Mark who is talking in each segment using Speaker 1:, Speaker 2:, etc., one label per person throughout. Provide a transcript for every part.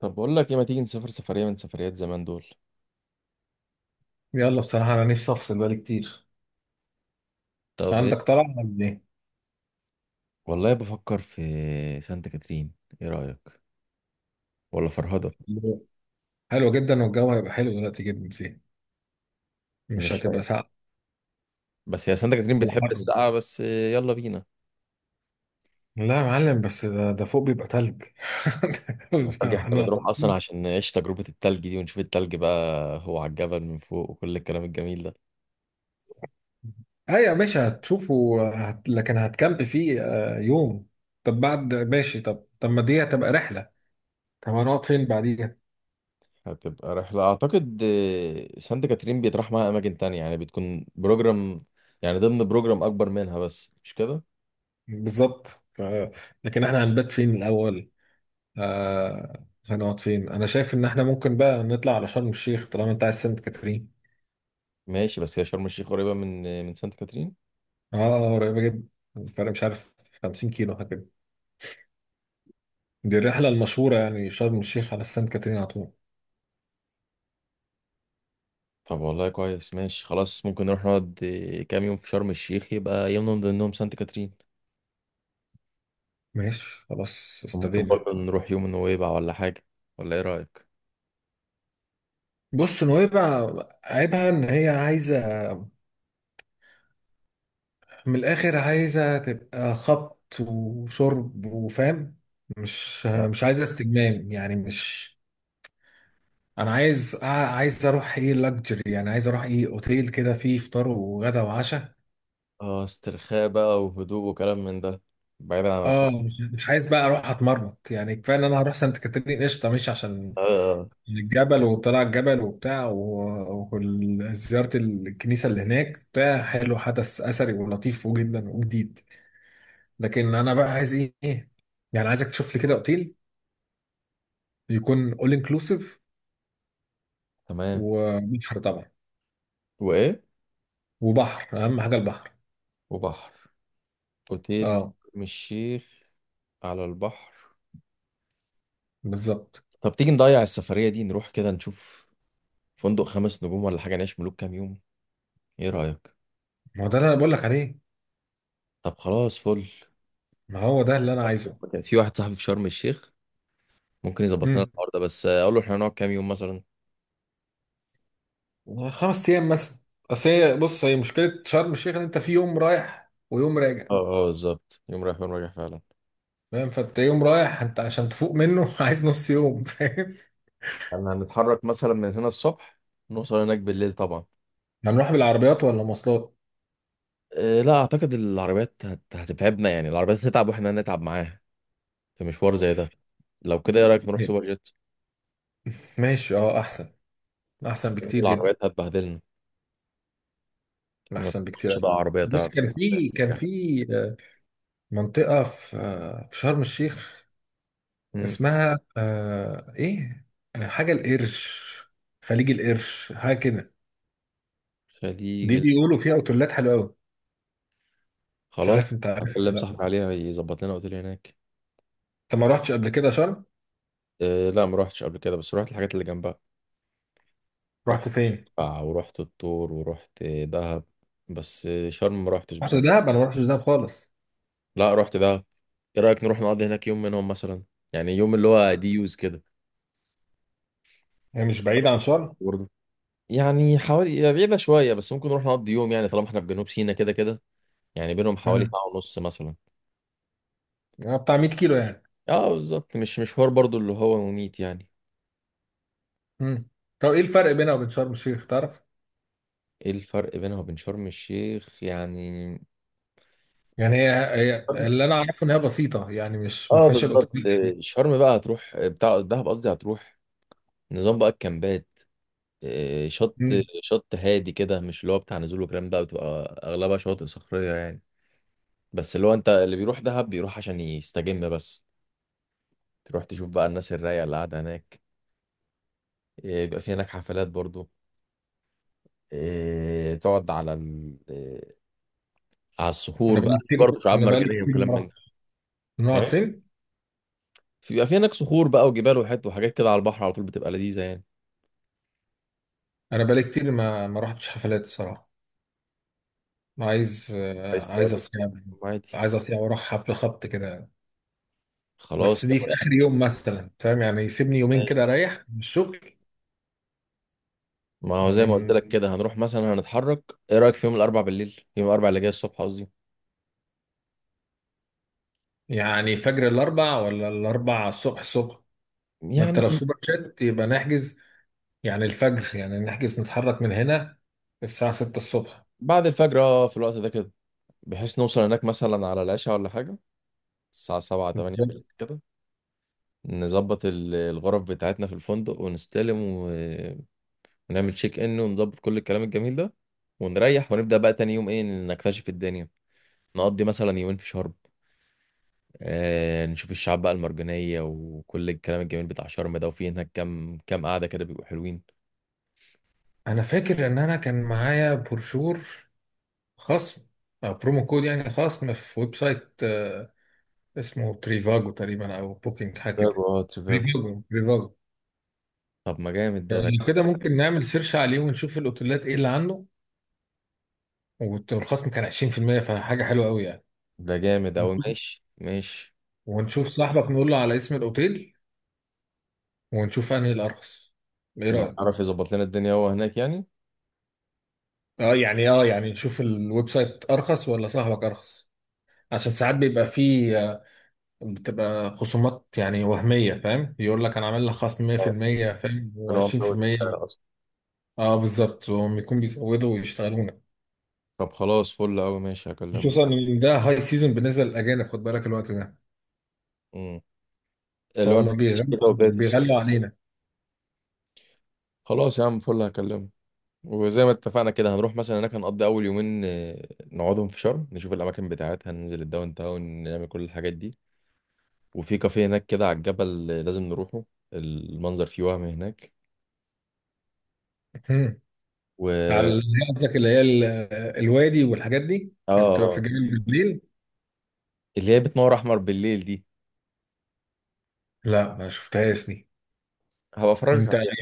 Speaker 1: طب بقول لك ايه؟ ما تيجي نسافر سفرية من سفريات زمان دول؟
Speaker 2: يلا، بصراحة أنا نفسي أفصل بقالي كتير.
Speaker 1: طب ايه؟
Speaker 2: عندك طلعة ولا إيه؟
Speaker 1: والله بفكر في سانت كاترين. ايه رأيك؟ ولا فرهدة؟
Speaker 2: حلو جدا، والجو هيبقى حلو دلوقتي جدا فيه. مش
Speaker 1: مش
Speaker 2: هتبقى
Speaker 1: فاهم.
Speaker 2: ساقعة
Speaker 1: بس هي سانت كاترين
Speaker 2: ولا
Speaker 1: بتحب
Speaker 2: حر.
Speaker 1: السقعة، بس يلا بينا.
Speaker 2: لا يا معلم، بس ده فوق بيبقى تلج.
Speaker 1: التلج، احنا بنروح
Speaker 2: احنا
Speaker 1: اصلا عشان نعيش تجربة التلج دي ونشوف التلج بقى، هو على الجبل من فوق وكل الكلام الجميل ده.
Speaker 2: أيوة ماشي هتشوفه لكن هتكامب فيه يوم. طب بعد ماشي، طب ما دي هتبقى رحلة. طب هنقعد فين بعديها؟
Speaker 1: هتبقى رحلة اعتقد. سانت كاترين بيتراح معاها اماكن تانية، يعني بتكون بروجرام، يعني ضمن بروجرام اكبر منها، بس مش كده.
Speaker 2: بالظبط. ف... لكن احنا هنبات فين الأول؟ هنقعد فين؟ انا شايف ان احنا ممكن بقى نطلع على شرم الشيخ طالما انت عايز سانت كاترين.
Speaker 1: ماشي. بس هي شرم الشيخ قريبة من من سانت كاترين.
Speaker 2: اه، قريبه جدا. الفرق مش عارف، 50 كيلو حاجه كده. دي الرحله المشهوره، يعني شرم الشيخ على سانت كاترين على طول.
Speaker 1: طب والله كويس، ماشي، خلاص ممكن نروح نقعد كام يوم في شرم الشيخ، يبقى يوم من ضمنهم سانت كاترين.
Speaker 2: ماشي، خلاص
Speaker 1: وممكن
Speaker 2: استبينا.
Speaker 1: برضه نروح يوم نويبع ولا حاجة. ولا ايه رأيك؟
Speaker 2: بص نويبع، عيبها ان هي عايزه، من الاخر عايزه تبقى خبط وشرب وفاهم. مش عايزه استجمام، يعني مش. انا عايز اروح ايه لاكجري، يعني عايز اروح ايه اوتيل كده فيه فطار وغدا وعشاء.
Speaker 1: اه، استرخاء بقى وهدوء وكلام من ده، بعيدا عن الخط.
Speaker 2: اه، مش عايز بقى اروح اتمرمط. يعني كفايه ان انا هروح سانت كاترين قشطه، ماشي، عشان
Speaker 1: آه. آه،
Speaker 2: الجبل وطلع الجبل وبتاع وزياره الكنيسه اللي هناك بتاع، حلو، حدث اثري ولطيف جدا وجديد. لكن انا بقى عايز ايه؟ يعني عايزك تشوف لي كده اوتيل يكون اول انكلوسيف.
Speaker 1: تمام.
Speaker 2: وبحر طبعا.
Speaker 1: وايه؟
Speaker 2: وبحر اهم حاجه البحر.
Speaker 1: وبحر. اوتيل في
Speaker 2: اه
Speaker 1: شرم الشيخ. على البحر.
Speaker 2: بالظبط.
Speaker 1: طب تيجي نضيع السفرية دي، نروح كده نشوف فندق 5 نجوم ولا حاجة، نعيش ملوك كام يوم. ايه رأيك؟
Speaker 2: ما هو ده اللي انا بقول لك عليه.
Speaker 1: طب خلاص، فل.
Speaker 2: ما هو ده اللي انا عايزه.
Speaker 1: كان في واحد صاحبي في شرم الشيخ، ممكن يظبط لنا الحوار ده، بس اقول له احنا هنقعد كام يوم مثلا.
Speaker 2: خمس ايام مثلا. اصل هي، بص هي مشكله شرم الشيخ، ان انت في يوم رايح ويوم راجع،
Speaker 1: اه اه، بالظبط، يوم رايح يوم راجع فعلا.
Speaker 2: فاهم. فانت يوم رايح انت عشان تفوق منه عايز نص يوم، فاهم.
Speaker 1: احنا هنتحرك مثلا من هنا الصبح، نوصل هناك بالليل طبعا.
Speaker 2: هنروح بالعربيات ولا مواصلات؟
Speaker 1: أه لا، اعتقد العربيات هتتعبنا، يعني العربيات هتتعب واحنا هنتعب معاها في مشوار زي ده. لو كده، ايه رايك نروح سوبر جيت؟
Speaker 2: ماشي، اه احسن، احسن
Speaker 1: لان
Speaker 2: بكتير جدا،
Speaker 1: العربيات هتبهدلنا، ما
Speaker 2: احسن بكتير
Speaker 1: تضمنش
Speaker 2: أوي.
Speaker 1: بقى عربيه
Speaker 2: بص،
Speaker 1: تقعد.
Speaker 2: كان في كان في آه، منطقه في آه، في شرم الشيخ،
Speaker 1: مم.
Speaker 2: اسمها ايه، حاجه القرش، خليج القرش حاجه كده.
Speaker 1: خليج
Speaker 2: دي
Speaker 1: ال-
Speaker 2: بيقولوا فيها اوتيلات حلوه قوي. مش
Speaker 1: خلاص،
Speaker 2: عارف، انت عارف
Speaker 1: هكلم
Speaker 2: ولا لا.
Speaker 1: صاحبي عليها يظبط لنا اوتيل هناك.
Speaker 2: انت ما رحتش قبل كده شرم؟
Speaker 1: أه لا، ما روحتش قبل كده، بس روحت الحاجات اللي جنبها.
Speaker 2: رحت
Speaker 1: رحت
Speaker 2: فين؟
Speaker 1: قلعة، ورحت الطور، ورحت دهب، بس شرم ما رحتش
Speaker 2: رحت
Speaker 1: بصراحة.
Speaker 2: دهب؟ انا ما رحتش دهب خالص.
Speaker 1: لا رحت دهب. ايه رأيك نروح نقضي هناك يوم منهم مثلا، يعني يوم اللي هو دي يوز كده؟
Speaker 2: هي مش بعيدة عن شرم؟
Speaker 1: برضه، يعني حوالي هي بعيدة شوية، بس ممكن نروح نقضي يوم، يعني طالما احنا في جنوب سيناء كده كده. يعني بينهم حوالي
Speaker 2: تمام،
Speaker 1: ساعة ونص مثلا.
Speaker 2: يعني بتاع 100 كيلو يعني.
Speaker 1: اه بالظبط، مش مشوار برضه اللي هو مميت يعني.
Speaker 2: امم. طب ايه الفرق بينها وبين شرم الشيخ تعرف؟
Speaker 1: ايه الفرق بينها وبين شرم الشيخ يعني؟
Speaker 2: يعني هي اللي انا اعرفه ان هي بسيطة، يعني مش ما
Speaker 1: اه
Speaker 2: فيهاش
Speaker 1: بالظبط.
Speaker 2: الاوتيل.
Speaker 1: شرم بقى هتروح بتاع دهب قصدي، هتروح نظام بقى الكامبات. آه، شط
Speaker 2: امم.
Speaker 1: شط هادي كده، مش اللي هو بتاع نزول وكلام ده، بتبقى اغلبها شواطئ صخريه يعني. بس اللي هو انت اللي بيروح دهب بيروح عشان يستجم بس، تروح تشوف بقى الناس الرايقه اللي قاعده هناك. بيبقى في هناك حفلات برضو. تقعد على ال... آه، على الصخور، بقى في برضه شعاب
Speaker 2: انا بقالي
Speaker 1: مرجانيه
Speaker 2: كتير
Speaker 1: وكلام
Speaker 2: ما
Speaker 1: من ده.
Speaker 2: رحتش. نقعد
Speaker 1: إيه؟
Speaker 2: فين؟
Speaker 1: بيبقى في هناك صخور بقى وجبال وحت وحاجات كده على البحر على طول، بتبقى لذيذه يعني.
Speaker 2: انا بقالي كتير ما رحتش حفلات الصراحة. عايز
Speaker 1: عايز تقعد.
Speaker 2: اصيع،
Speaker 1: عادي.
Speaker 2: عايز اصيع واروح حفل خبط كده. بس
Speaker 1: خلاص
Speaker 2: دي
Speaker 1: يلا.
Speaker 2: في اخر يوم مثلا، فاهم؟ يعني يسيبني يومين كده
Speaker 1: ماشي.
Speaker 2: اريح من الشغل.
Speaker 1: ما هو زي ما قلت
Speaker 2: ومن،
Speaker 1: لك كده، هنروح مثلا، هنتحرك. ايه رايك في يوم الاربع بالليل، يوم الاربع اللي جاي الصبح قصدي،
Speaker 2: يعني فجر الاربع ولا الاربع الصبح؟ الصبح. ما انت لو
Speaker 1: يعني
Speaker 2: سوبر جيت يبقى نحجز. يعني الفجر، يعني نحجز نتحرك من هنا الساعة 6 الصبح.
Speaker 1: بعد الفجر، اه، في الوقت ده كده، بحيث نوصل هناك مثلا على العشاء ولا حاجة، الساعة سبعة تمانية بالليل كده. نظبط الغرف بتاعتنا في الفندق، ونستلم، ونعمل تشيك ان، ونظبط كل الكلام الجميل ده، ونريح، ونبدأ بقى تاني يوم ايه نكتشف الدنيا. نقضي مثلا يومين في شرم، نشوف الشعاب بقى المرجانية وكل الكلام الجميل بتاع شرم ده، وفي هناك كام كام قعدة كده بيبقوا حلوين.
Speaker 2: انا فاكر ان انا كان معايا بروشور، خصم او برومو كود، يعني خصم في ويب سايت اسمه تريفاجو تقريبا او بوكينج حاجه
Speaker 1: تريفاجو،
Speaker 2: كده.
Speaker 1: اه تريفاجو.
Speaker 2: تريفاجو، تريفاجو.
Speaker 1: طب ما جامد
Speaker 2: يعني لو كده ممكن نعمل سيرش عليه ونشوف الاوتيلات ايه اللي عنده. والخصم كان 20%، فحاجه حلوه قوي يعني.
Speaker 1: ده جامد أوي،
Speaker 2: ونشوف
Speaker 1: ماشي ماشي.
Speaker 2: ونشوف صاحبك نقول له على اسم الاوتيل، ونشوف انهي الارخص. ايه
Speaker 1: لو
Speaker 2: رايك؟
Speaker 1: عرف يظبط لنا الدنيا هو هناك يعني.
Speaker 2: اه يعني نشوف الويب سايت ارخص ولا صاحبك ارخص. عشان ساعات بيبقى فيه بتبقى خصومات يعني وهميه، فاهم، يقول لك انا عامل لك خصم
Speaker 1: اه،
Speaker 2: 100%، فاهم،
Speaker 1: كان هو مزود
Speaker 2: و20%.
Speaker 1: السعر اصلا.
Speaker 2: اه بالظبط، وهم يكون بيزودوا ويشتغلونا.
Speaker 1: طب خلاص فل قوي، ماشي، هكلمه.
Speaker 2: خصوصا ان ده هاي سيزون بالنسبه للاجانب، خد بالك الوقت ده.
Speaker 1: امم. اللي هو
Speaker 2: فهم بيغلوا
Speaker 1: كده وبداية الصيف.
Speaker 2: بيغلوا علينا.
Speaker 1: خلاص يا عم، فل، هكلمه. وزي ما اتفقنا كده، هنروح مثلا هناك، هنقضي اول يومين نقعدهم في شرم، نشوف الاماكن بتاعتها، ننزل الداون تاون، نعمل كل الحاجات دي. وفي كافيه هناك كده على الجبل لازم نروحه، المنظر فيه وهم هناك.
Speaker 2: هم.
Speaker 1: و اه
Speaker 2: على، قصدك اللي هي الوادي والحاجات دي اللي بتبقى في
Speaker 1: آه،
Speaker 2: الجبل بالليل؟
Speaker 1: اللي هي بتنور احمر بالليل دي،
Speaker 2: لا ما شفتهاش دي.
Speaker 1: هبقى افرجك
Speaker 2: انت،
Speaker 1: عليها،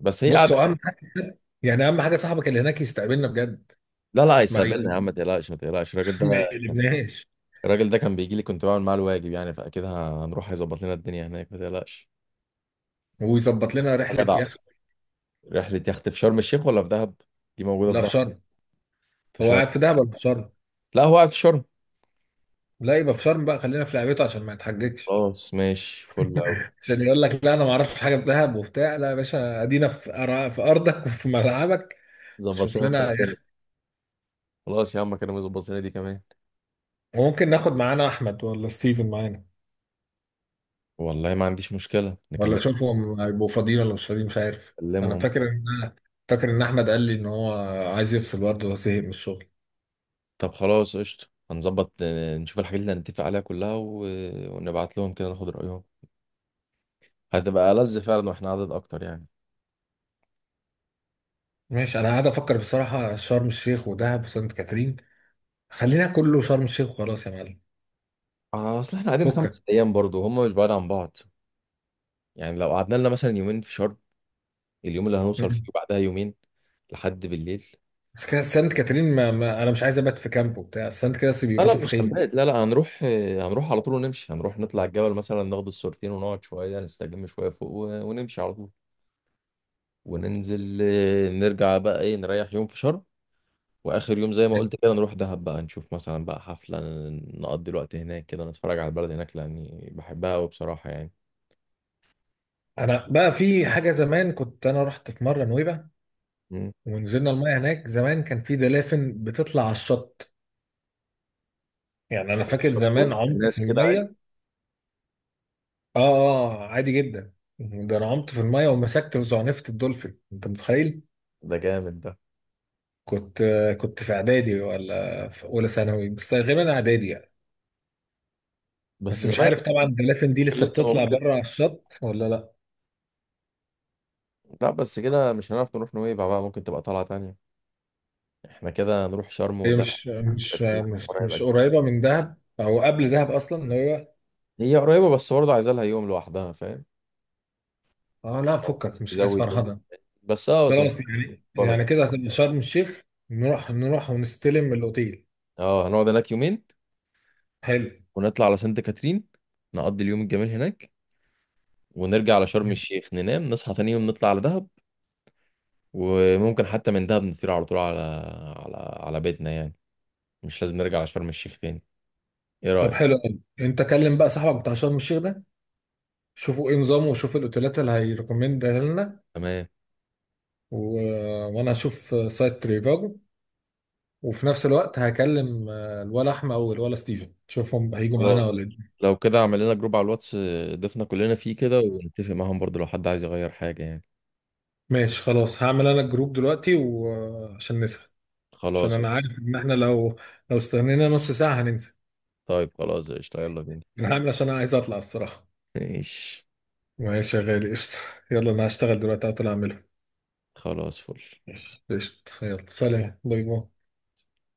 Speaker 1: بس هي قاعده.
Speaker 2: بصوا اهم حاجه، يعني اهم حاجه صاحبك اللي هناك يستقبلنا بجد.
Speaker 1: لا لا،
Speaker 2: ما
Speaker 1: هيستقبلنا يا
Speaker 2: ي-
Speaker 1: عم، ما تقلقش، ما تقلقش الراجل ده.
Speaker 2: ما يقلبناش.
Speaker 1: الراجل ده كان بيجي لي، كنت بعمل معاه الواجب، يعني فاكيد هنروح، هيظبط لنا الدنيا هناك، ما تقلقش.
Speaker 2: ويظبط لنا
Speaker 1: يا
Speaker 2: رحله
Speaker 1: جدع،
Speaker 2: يخت.
Speaker 1: رحلة يخت في شرم الشيخ ولا في دهب؟ دي موجودة في
Speaker 2: لا، في
Speaker 1: دهب.
Speaker 2: شرم.
Speaker 1: في
Speaker 2: هو
Speaker 1: شرم.
Speaker 2: قاعد في دهب ولا في شرم؟
Speaker 1: لا هو قاعد في شرم.
Speaker 2: لا، يبقى في شرم بقى، خلينا في لعبته عشان ما يتحججش.
Speaker 1: خلاص ماشي، فل أوي.
Speaker 2: عشان يقول لك لا انا ما اعرفش حاجه في دهب وبتاع، لا يا باشا، ادينا في في ارضك وفي ملعبك.
Speaker 1: ظبط
Speaker 2: شوف
Speaker 1: لنا انت
Speaker 2: لنا
Speaker 1: الدنيا.
Speaker 2: يخت.
Speaker 1: خلاص يا عم، كانوا يظبط لنا دي كمان.
Speaker 2: وممكن ناخد معانا احمد ولا ستيفن معانا؟
Speaker 1: والله ما عنديش مشكلة، نكلم،
Speaker 2: ولا شوفهم هيبقوا فاضيين ولا مش فاضيين، مش عارف. انا
Speaker 1: نكلمهم.
Speaker 2: فاكر ان انا فاكر ان احمد قال لي ان هو عايز يفصل برضه وزهق من الشغل.
Speaker 1: طب خلاص قشطة، هنظبط نشوف الحاجات اللي هنتفق عليها كلها، ونبعت لهم كده، ناخد رأيهم. هتبقى ألذ فعلا واحنا عدد أكتر يعني.
Speaker 2: ماشي، انا قاعد افكر بصراحه شرم الشيخ ودهب وسانت كاترين. خلينا كله شرم الشيخ وخلاص يا معلم.
Speaker 1: أصل احنا قاعدين
Speaker 2: فكك.
Speaker 1: 5 أيام، برضو هم مش بعاد عن بعض. يعني لو قعدنا لنا مثلا يومين في شرم، اليوم اللي هنوصل فيه
Speaker 2: مم.
Speaker 1: وبعدها يومين. لحد بالليل.
Speaker 2: بس كده سانت كاترين، ما انا مش عايز ابات في كامب وبتاع، سانت كاترين
Speaker 1: لا لا،
Speaker 2: بيباتوا في
Speaker 1: مش
Speaker 2: خيمه.
Speaker 1: هنبات، لا لا، هنروح على طول ونمشي، هنروح نطلع الجبل مثلا، ناخد الصورتين، ونقعد شوية نستجم شوية فوق، و- ونمشي على طول. وننزل، نرجع بقى ايه، نريح يوم في شرم. واخر يوم زي ما قلت كده، نروح دهب بقى نشوف مثلا بقى حفلة، نقضي الوقت هناك كده، نتفرج على البلد هناك لاني بحبها قوي بصراحة يعني.
Speaker 2: انا بقى في حاجه زمان، كنت انا رحت في مره نويبع،
Speaker 1: مم.
Speaker 2: ونزلنا المايه هناك، زمان كان في دلافن بتطلع على الشط. يعني انا فاكر زمان
Speaker 1: وسط
Speaker 2: عمت
Speaker 1: الناس
Speaker 2: في
Speaker 1: كده عادي.
Speaker 2: المايه. اه، اه، عادي جدا. ده انا عمت في المايه ومسكت وزعنفت الدولفين، انت متخيل؟
Speaker 1: ده جامد ده.
Speaker 2: كنت كنت في اعدادي ولا في اولى ثانوي، بس غالبا اعدادي يعني.
Speaker 1: بس
Speaker 2: بس مش
Speaker 1: زمان
Speaker 2: عارف طبعا الدلافين دي
Speaker 1: كان
Speaker 2: لسه
Speaker 1: لسه
Speaker 2: بتطلع
Speaker 1: موجود.
Speaker 2: بره على الشط ولا لا.
Speaker 1: لا بس كده مش هنعرف نروح نويبع بقى، ممكن تبقى طلعة تانية. احنا كده نروح شرم
Speaker 2: هي
Speaker 1: وده.
Speaker 2: مش مش مش
Speaker 1: قريبة
Speaker 2: مش
Speaker 1: كده.
Speaker 2: قريبه من دهب او قبل دهب اصلا اللي هو.
Speaker 1: هي قريبة، بس برضه عايزة لها يوم لوحدها فاهم.
Speaker 2: اه لا،
Speaker 1: لو
Speaker 2: فكك،
Speaker 1: عايز
Speaker 2: مش عايز
Speaker 1: تزود يوم،
Speaker 2: فرهده.
Speaker 1: بس نروح.
Speaker 2: خلاص، يعني
Speaker 1: القرى.
Speaker 2: كده هتبقى شرم الشيخ. نروح ونستلم الاوتيل.
Speaker 1: اه هنقعد هناك يومين،
Speaker 2: حلو.
Speaker 1: ونطلع على سانت كاترين، نقضي اليوم الجميل هناك، ونرجع على شرم الشيخ، ننام، نصحى تاني يوم نطلع على دهب. وممكن حتى من دهب نطير على طول على على بيتنا يعني، مش لازم نرجع على شرم الشيخ تاني. ايه
Speaker 2: طب
Speaker 1: رأيك؟
Speaker 2: حلو قوي، انت كلم بقى صاحبك بتاع شرم الشيخ ده، شوفوا ايه نظامه وشوف الاوتيلات اللي هيريكومند لنا.
Speaker 1: تمام.
Speaker 2: و... وانا هشوف سايت تريفاجو. وفي نفس الوقت هكلم الولا احمد او الولا ستيفن، شوفهم هيجوا معانا
Speaker 1: خلاص
Speaker 2: ولا ايه.
Speaker 1: لو كده، اعمل لنا جروب على الواتس، ضفنا كلنا فيه كده، ونتفق معاهم برضو لو حد عايز يغير حاجة يعني.
Speaker 2: ماشي خلاص، هعمل انا الجروب دلوقتي وعشان نسهل، عشان
Speaker 1: خلاص.
Speaker 2: انا عارف ان احنا لو استنينا نص ساعة هننسى.
Speaker 1: طيب خلاص قشطة، يلا بينا.
Speaker 2: انا هعمل عشان انا عايز اطلع الصراحة.
Speaker 1: ماشي
Speaker 2: ماشي يا غالي، قشطة. يلا، انا هشتغل دلوقتي هطلع اعمله.
Speaker 1: خلاص، فل.
Speaker 2: قشطة، يلا، سلام باي باي.